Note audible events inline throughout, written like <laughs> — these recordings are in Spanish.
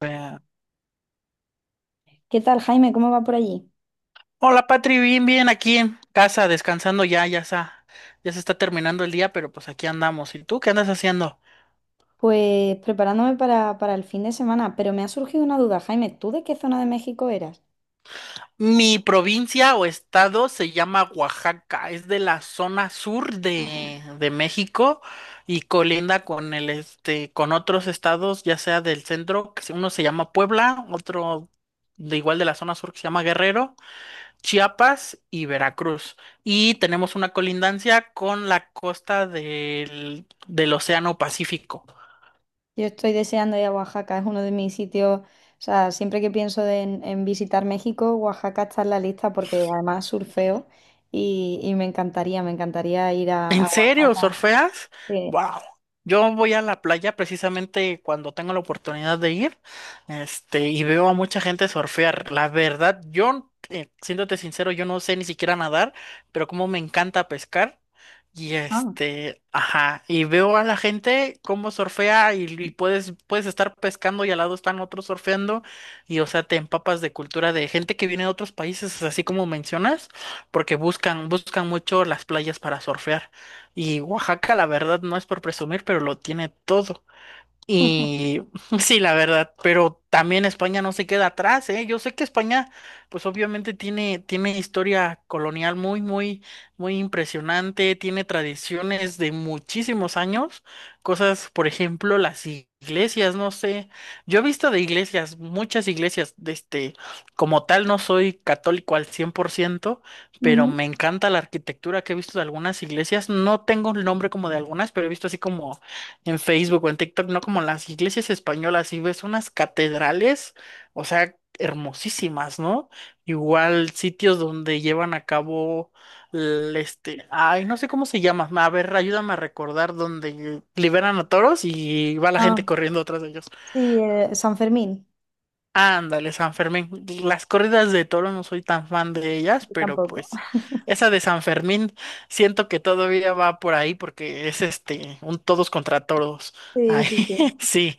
Eh, ¿Qué tal, Jaime? ¿Cómo va por allí? Hola Patri, bien, bien, aquí en casa, descansando ya se está terminando el día, pero pues aquí andamos. ¿Y tú qué andas haciendo? Pues preparándome para el fin de semana, pero me ha surgido una duda, Jaime, ¿tú de qué zona de México eras? Mi provincia o estado se llama Oaxaca, es de la zona sur de México y colinda con el este, con otros estados, ya sea del centro, uno se llama Puebla, otro de igual de la zona sur que se llama Guerrero, Chiapas y Veracruz. Y tenemos una colindancia con la costa del Océano Pacífico. Yo estoy deseando ir a Oaxaca, es uno de mis sitios, o sea, siempre que pienso en visitar México, Oaxaca está en la lista porque además surfeo y me encantaría ir a, ¿En a serio? Oaxaca. ¿Surfeas? Sí. Wow. Yo voy a la playa precisamente cuando tengo la oportunidad de ir, y veo a mucha gente surfear. La verdad, yo, siéndote sincero, yo no sé ni siquiera nadar, pero como me encanta pescar. Y Ajá. Ajá, y veo a la gente cómo surfea y puedes estar pescando y al lado están otros surfeando y o sea, te empapas de cultura de gente que viene de otros países, así como mencionas, porque buscan mucho las playas para surfear. Y Oaxaca, la verdad, no es por presumir, pero lo tiene todo. <laughs> Y <laughs> sí, la verdad, pero también España no se queda atrás, ¿eh? Yo sé que España, pues obviamente tiene historia colonial muy impresionante, tiene tradiciones de muchísimos años, cosas, por ejemplo, las iglesias, no sé, yo he visto de iglesias, muchas iglesias, de como tal no soy católico al 100%, pero Ujú. me encanta la arquitectura que he visto de algunas iglesias, no tengo el nombre como de algunas, pero he visto así como en Facebook o en TikTok, ¿no? Como las iglesias españolas, y ves unas catedrales, o sea, hermosísimas, ¿no? Igual sitios donde llevan a cabo, ay, no sé cómo se llama, a ver, ayúdame a recordar donde liberan a toros y va la gente Ah, corriendo atrás de ellos. sí, San Fermín, Ándale, San Fermín. Las corridas de toro no soy tan fan de ellas, yo pero tampoco. pues <laughs> esa de San Fermín siento que todavía va por ahí porque es este un todos contra todos. Sí, Ahí sí, sí. <laughs> sí,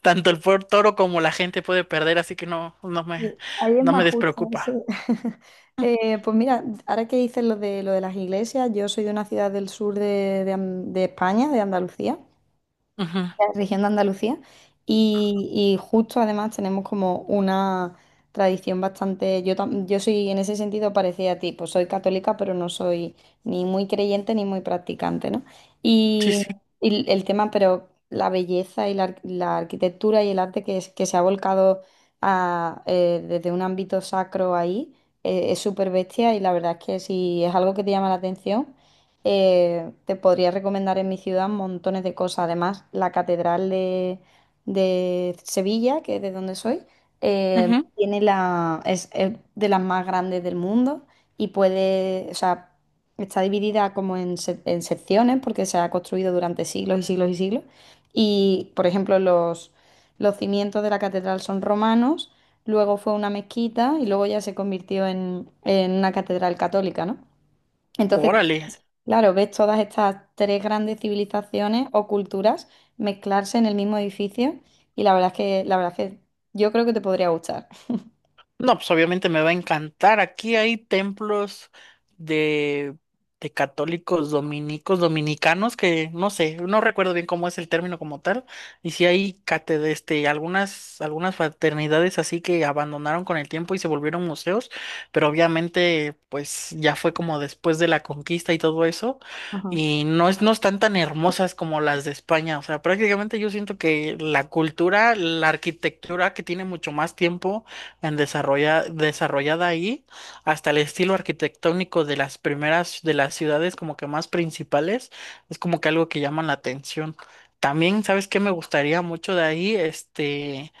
tanto el por toro como la gente puede perder, así que no, no me, Sí, ahí es no me más justo, sí. despreocupa. <laughs> Pues mira, ahora que dices lo de las iglesias, yo soy de una ciudad del sur de de España, de Andalucía, Ujú. región de Andalucía. Y justo además tenemos como una tradición bastante, yo, yo soy en ese sentido parecida a ti, pues soy católica, pero no soy ni muy creyente ni muy practicante, ¿no? Sí, Y, sí. y el tema, pero la belleza y la, la arquitectura y el arte que, es, que se ha volcado a, desde un ámbito sacro ahí, es súper bestia y la verdad es que si es algo que te llama la atención. Te podría recomendar en mi ciudad montones de cosas. Además, la Catedral de Sevilla, que es de donde soy, Ujú. tiene la, es de las más grandes del mundo y puede, o sea, está dividida como en, en secciones porque se ha construido durante siglos y siglos y siglos. Y, por ejemplo, los cimientos de la catedral son romanos, luego fue una mezquita y luego ya se convirtió en una catedral católica, ¿no? Entonces, Órale. claro, ves todas estas tres grandes civilizaciones o culturas mezclarse en el mismo edificio y la verdad es que, la verdad es que yo creo que te podría gustar. No, pues obviamente me va a encantar. Aquí hay templos de, de católicos dominicos, dominicanos, que no sé, no recuerdo bien cómo es el término como tal. Y si hay cátedra, algunas, algunas fraternidades así que abandonaron con el tiempo y se volvieron museos, pero obviamente, pues ya fue como después de la conquista y todo eso. Ajá. Y no están tan hermosas como las de España. O sea, prácticamente yo siento que la cultura, la arquitectura que tiene mucho más tiempo en desarrollada ahí, hasta el estilo arquitectónico de las primeras, de las ciudades como que más principales, es como que algo que llama la atención. También, ¿sabes qué me gustaría mucho de ahí?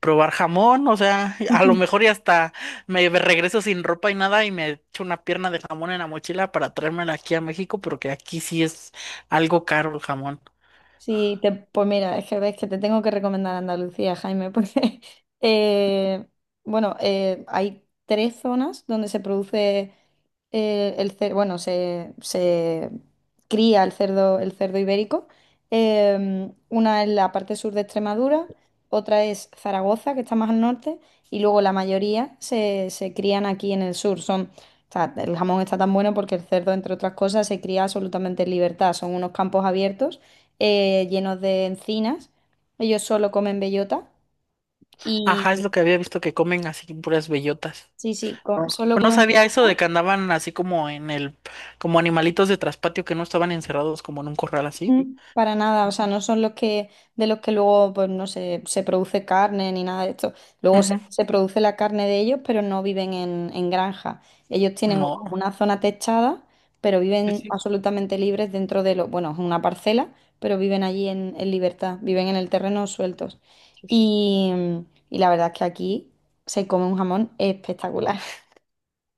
Probar jamón, o sea, <laughs> a lo <laughs> mejor y hasta me regreso sin ropa y nada y me echo una pierna de jamón en la mochila para traérmela aquí a México, porque aquí sí es algo caro el jamón. Sí, pues mira, es que ves que te tengo que recomendar Andalucía, Jaime, porque, <laughs> eh, bueno, hay tres zonas donde se produce el bueno, se cría el cerdo ibérico. Una es la parte sur de Extremadura, otra es Zaragoza, que está más al norte, y luego la mayoría se, se crían aquí en el sur. Son, o sea, el jamón está tan bueno porque el cerdo, entre otras cosas, se cría absolutamente en libertad. Son unos campos abiertos llenos de encinas. Ellos solo comen bellota y Ajá, es lo que había visto que comen así puras bellotas. sí, sí, Pero solo no comen sabía eso bellota. de que andaban así como en como animalitos de traspatio que no estaban encerrados como en un corral así. Para nada, o sea, no son los que, de los que luego, pues no sé, se produce carne ni nada de esto. Luego se, Ujú. se produce la carne de ellos, pero no viven en granja. Ellos tienen como No. una zona techada, pero Sí, viven sí, absolutamente libres dentro de lo, bueno, es una parcela, pero viven allí en libertad, viven en el terreno sueltos. sí, sí, Y, y la verdad es que aquí se come un jamón espectacular.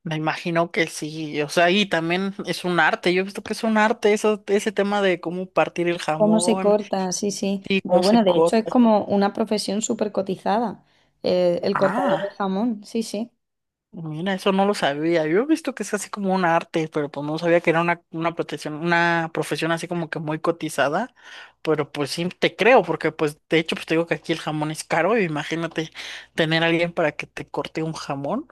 me imagino que sí, o sea, y también es un arte, yo he visto que es un arte eso, ese tema de cómo partir el ¿Cómo se jamón corta? Sí, sí. y cómo se Bueno, de hecho es corta. como una profesión súper cotizada, el cortador de Ah. jamón, sí, sí. Mira, eso no lo sabía. Yo he visto que es así como un arte, pero pues no sabía que era una protección, una profesión así como que muy cotizada. Pero pues sí te creo, porque pues de hecho pues te digo que aquí el jamón es caro, y imagínate tener a alguien para que te corte un jamón.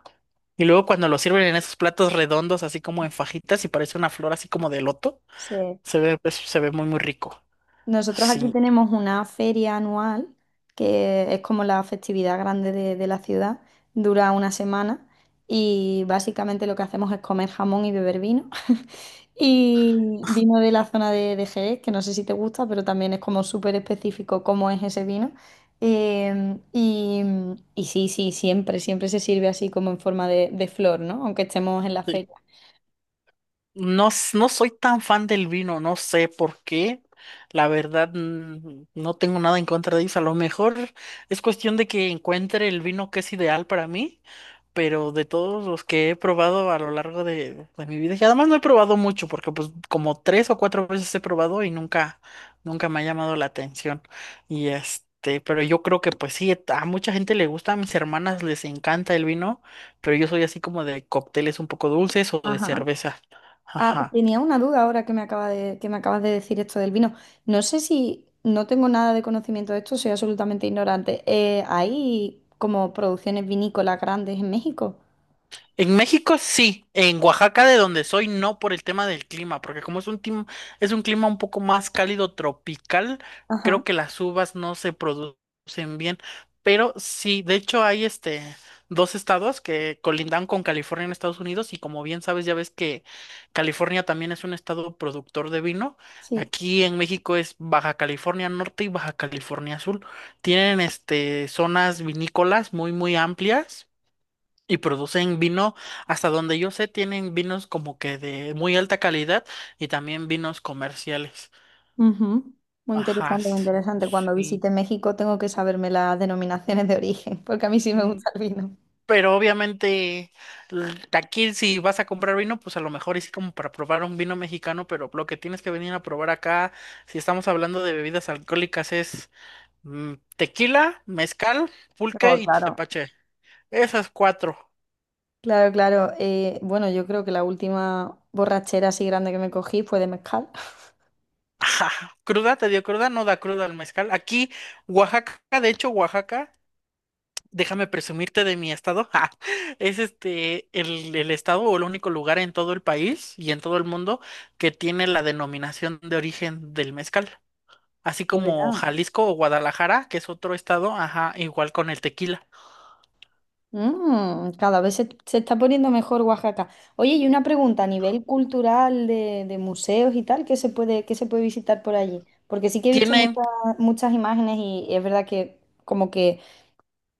Y luego cuando lo sirven en esos platos redondos, así como en fajitas, y parece una flor así como de loto, Sí. se ve, pues, se ve muy muy rico. Nosotros aquí Sí. tenemos una feria anual, que es como la festividad grande de la ciudad, dura una semana y básicamente lo que hacemos es comer jamón y beber vino. <laughs> Y vino de la zona de Jerez, que no sé si te gusta, pero también es como súper específico cómo es ese vino. Y, y sí, sí, siempre, siempre se sirve así como en forma de flor, ¿no? Aunque estemos en la feria. No soy tan fan del vino, no sé por qué. La verdad, no tengo nada en contra de ellos. A lo mejor es cuestión de que encuentre el vino que es ideal para mí, pero de todos los que he probado a lo largo de mi vida, y además no he probado mucho, porque pues como 3 o 4 veces he probado y nunca me ha llamado la atención. Y pero yo creo que pues sí, a mucha gente le gusta, a mis hermanas les encanta el vino, pero yo soy así como de cócteles un poco dulces o de Ajá. cerveza. Ah, Ajá. tenía una duda ahora que me acaba de, que me acabas de decir esto del vino. No sé si no tengo nada de conocimiento de esto, soy absolutamente ignorante. ¿Hay como producciones vinícolas grandes en México? En México sí, en Oaxaca de donde soy no por el tema del clima, porque como es un es un clima un poco más cálido tropical, Ajá, creo que las uvas no se producen bien, pero sí, de hecho hay 2 estados que colindan con California en Estados Unidos y como bien sabes ya ves que California también es un estado productor de vino. sí. Aquí en México es Baja California Norte y Baja California Sur. Tienen este zonas vinícolas muy muy amplias y producen vino, hasta donde yo sé, tienen vinos como que de muy alta calidad y también vinos comerciales. Ujú. Muy Ajá, interesante, muy s- interesante. Cuando sí. visite México tengo que saberme las denominaciones de origen, <laughs> porque a mí sí me Mm. gusta el vino. Pero obviamente aquí si vas a comprar vino, pues a lo mejor es como para probar un vino mexicano, pero lo que tienes que venir a probar acá, si estamos hablando de bebidas alcohólicas, es tequila, mezcal, pulque Oh, y claro. tepache. Esas cuatro. Claro, claro. Bueno, yo creo que la última borrachera así grande que me cogí fue de mezcal. Ajá. Te dio cruda, no da cruda al mezcal. Aquí, Oaxaca, de hecho, Oaxaca, déjame presumirte de mi estado, <laughs> ja, es el estado o el único lugar en todo el país y en todo el mundo que tiene la denominación de origen del mezcal. Así De como verdad. Jalisco o Guadalajara, que es otro estado, ajá, igual con el tequila. Cada vez se está poniendo mejor Oaxaca. Oye, y una pregunta a nivel cultural de museos y tal, qué se puede visitar por allí? Porque sí que he visto Tienen, muchas, muchas imágenes y es verdad que como que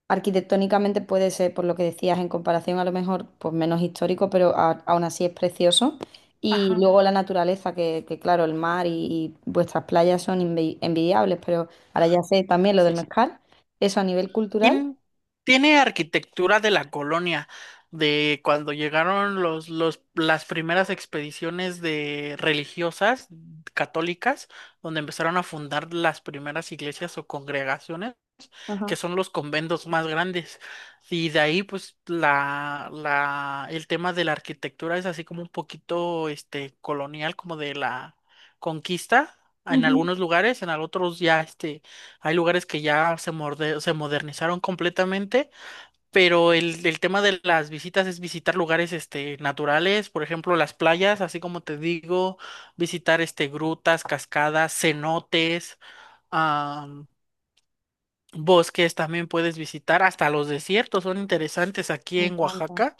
arquitectónicamente puede ser, por lo que decías, en comparación a lo mejor, pues menos histórico, pero aún así es precioso. Y ajá. luego la naturaleza, que claro, el mar y vuestras playas son envidiables, pero ahora ya sé también lo del Sí. mezcal, eso a nivel cultural. Tien- Tiene arquitectura de la colonia, de cuando llegaron las primeras expediciones de religiosas católicas, donde empezaron a fundar las primeras iglesias o congregaciones Ajá. que son los conventos más grandes. Y de ahí, pues, el tema de la arquitectura es así como un poquito, colonial, como de la conquista. En Ujú. algunos lugares, otros ya, hay lugares que ya se modernizaron completamente, pero el tema de las visitas es visitar lugares, naturales, por ejemplo, las playas, así como te digo, visitar, grutas, cascadas, cenotes, bosques también puedes visitar, hasta los desiertos son interesantes aquí Me en encanta. Oaxaca.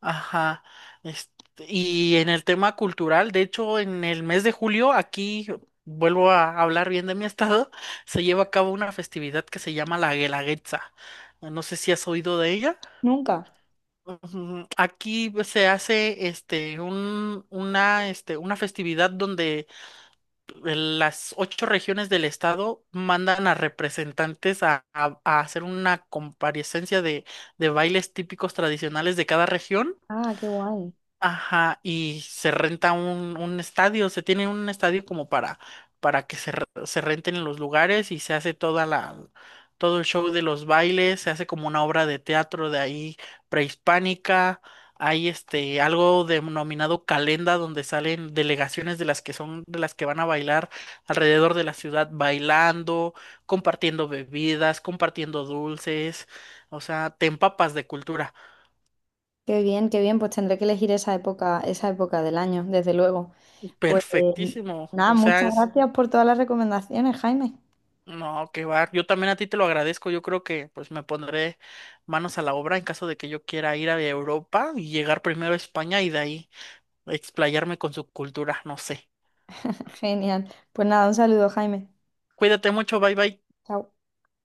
Ajá. este, y en el tema cultural, de hecho, en el mes de julio, aquí vuelvo a hablar bien de mi <laughs> estado, se lleva a cabo una festividad que se llama la Guelaguetza. No sé si has oído de ella. Nunca. Ujú. Aquí pues, se hace una festividad donde las 8 regiones del estado mandan a representantes a, a hacer una comparecencia de bailes típicos tradicionales de cada región. Ah, qué guay. Ajá, y se renta un estadio, se tiene un estadio como para que se renten los lugares y se hace toda la, todo el show de los bailes, se hace como una obra de teatro de ahí prehispánica, hay este algo denominado calenda donde salen delegaciones de las que van a bailar alrededor de la ciudad bailando, compartiendo bebidas, compartiendo dulces, o sea, te empapas de cultura. Qué bien, qué bien. Pues tendré que elegir esa época del año, desde luego. Pues Perfectísimo, nada, o sea, muchas es... gracias por todas las recomendaciones, Jaime. No, qué va. Yo también a ti te lo agradezco. Yo creo que pues me pondré manos a la obra en caso de que yo quiera ir a Europa y llegar primero a España y de ahí explayarme con su cultura. No sé. <laughs> Genial. Pues nada, un saludo, Jaime. Cuídate mucho. Bye bye. Chao.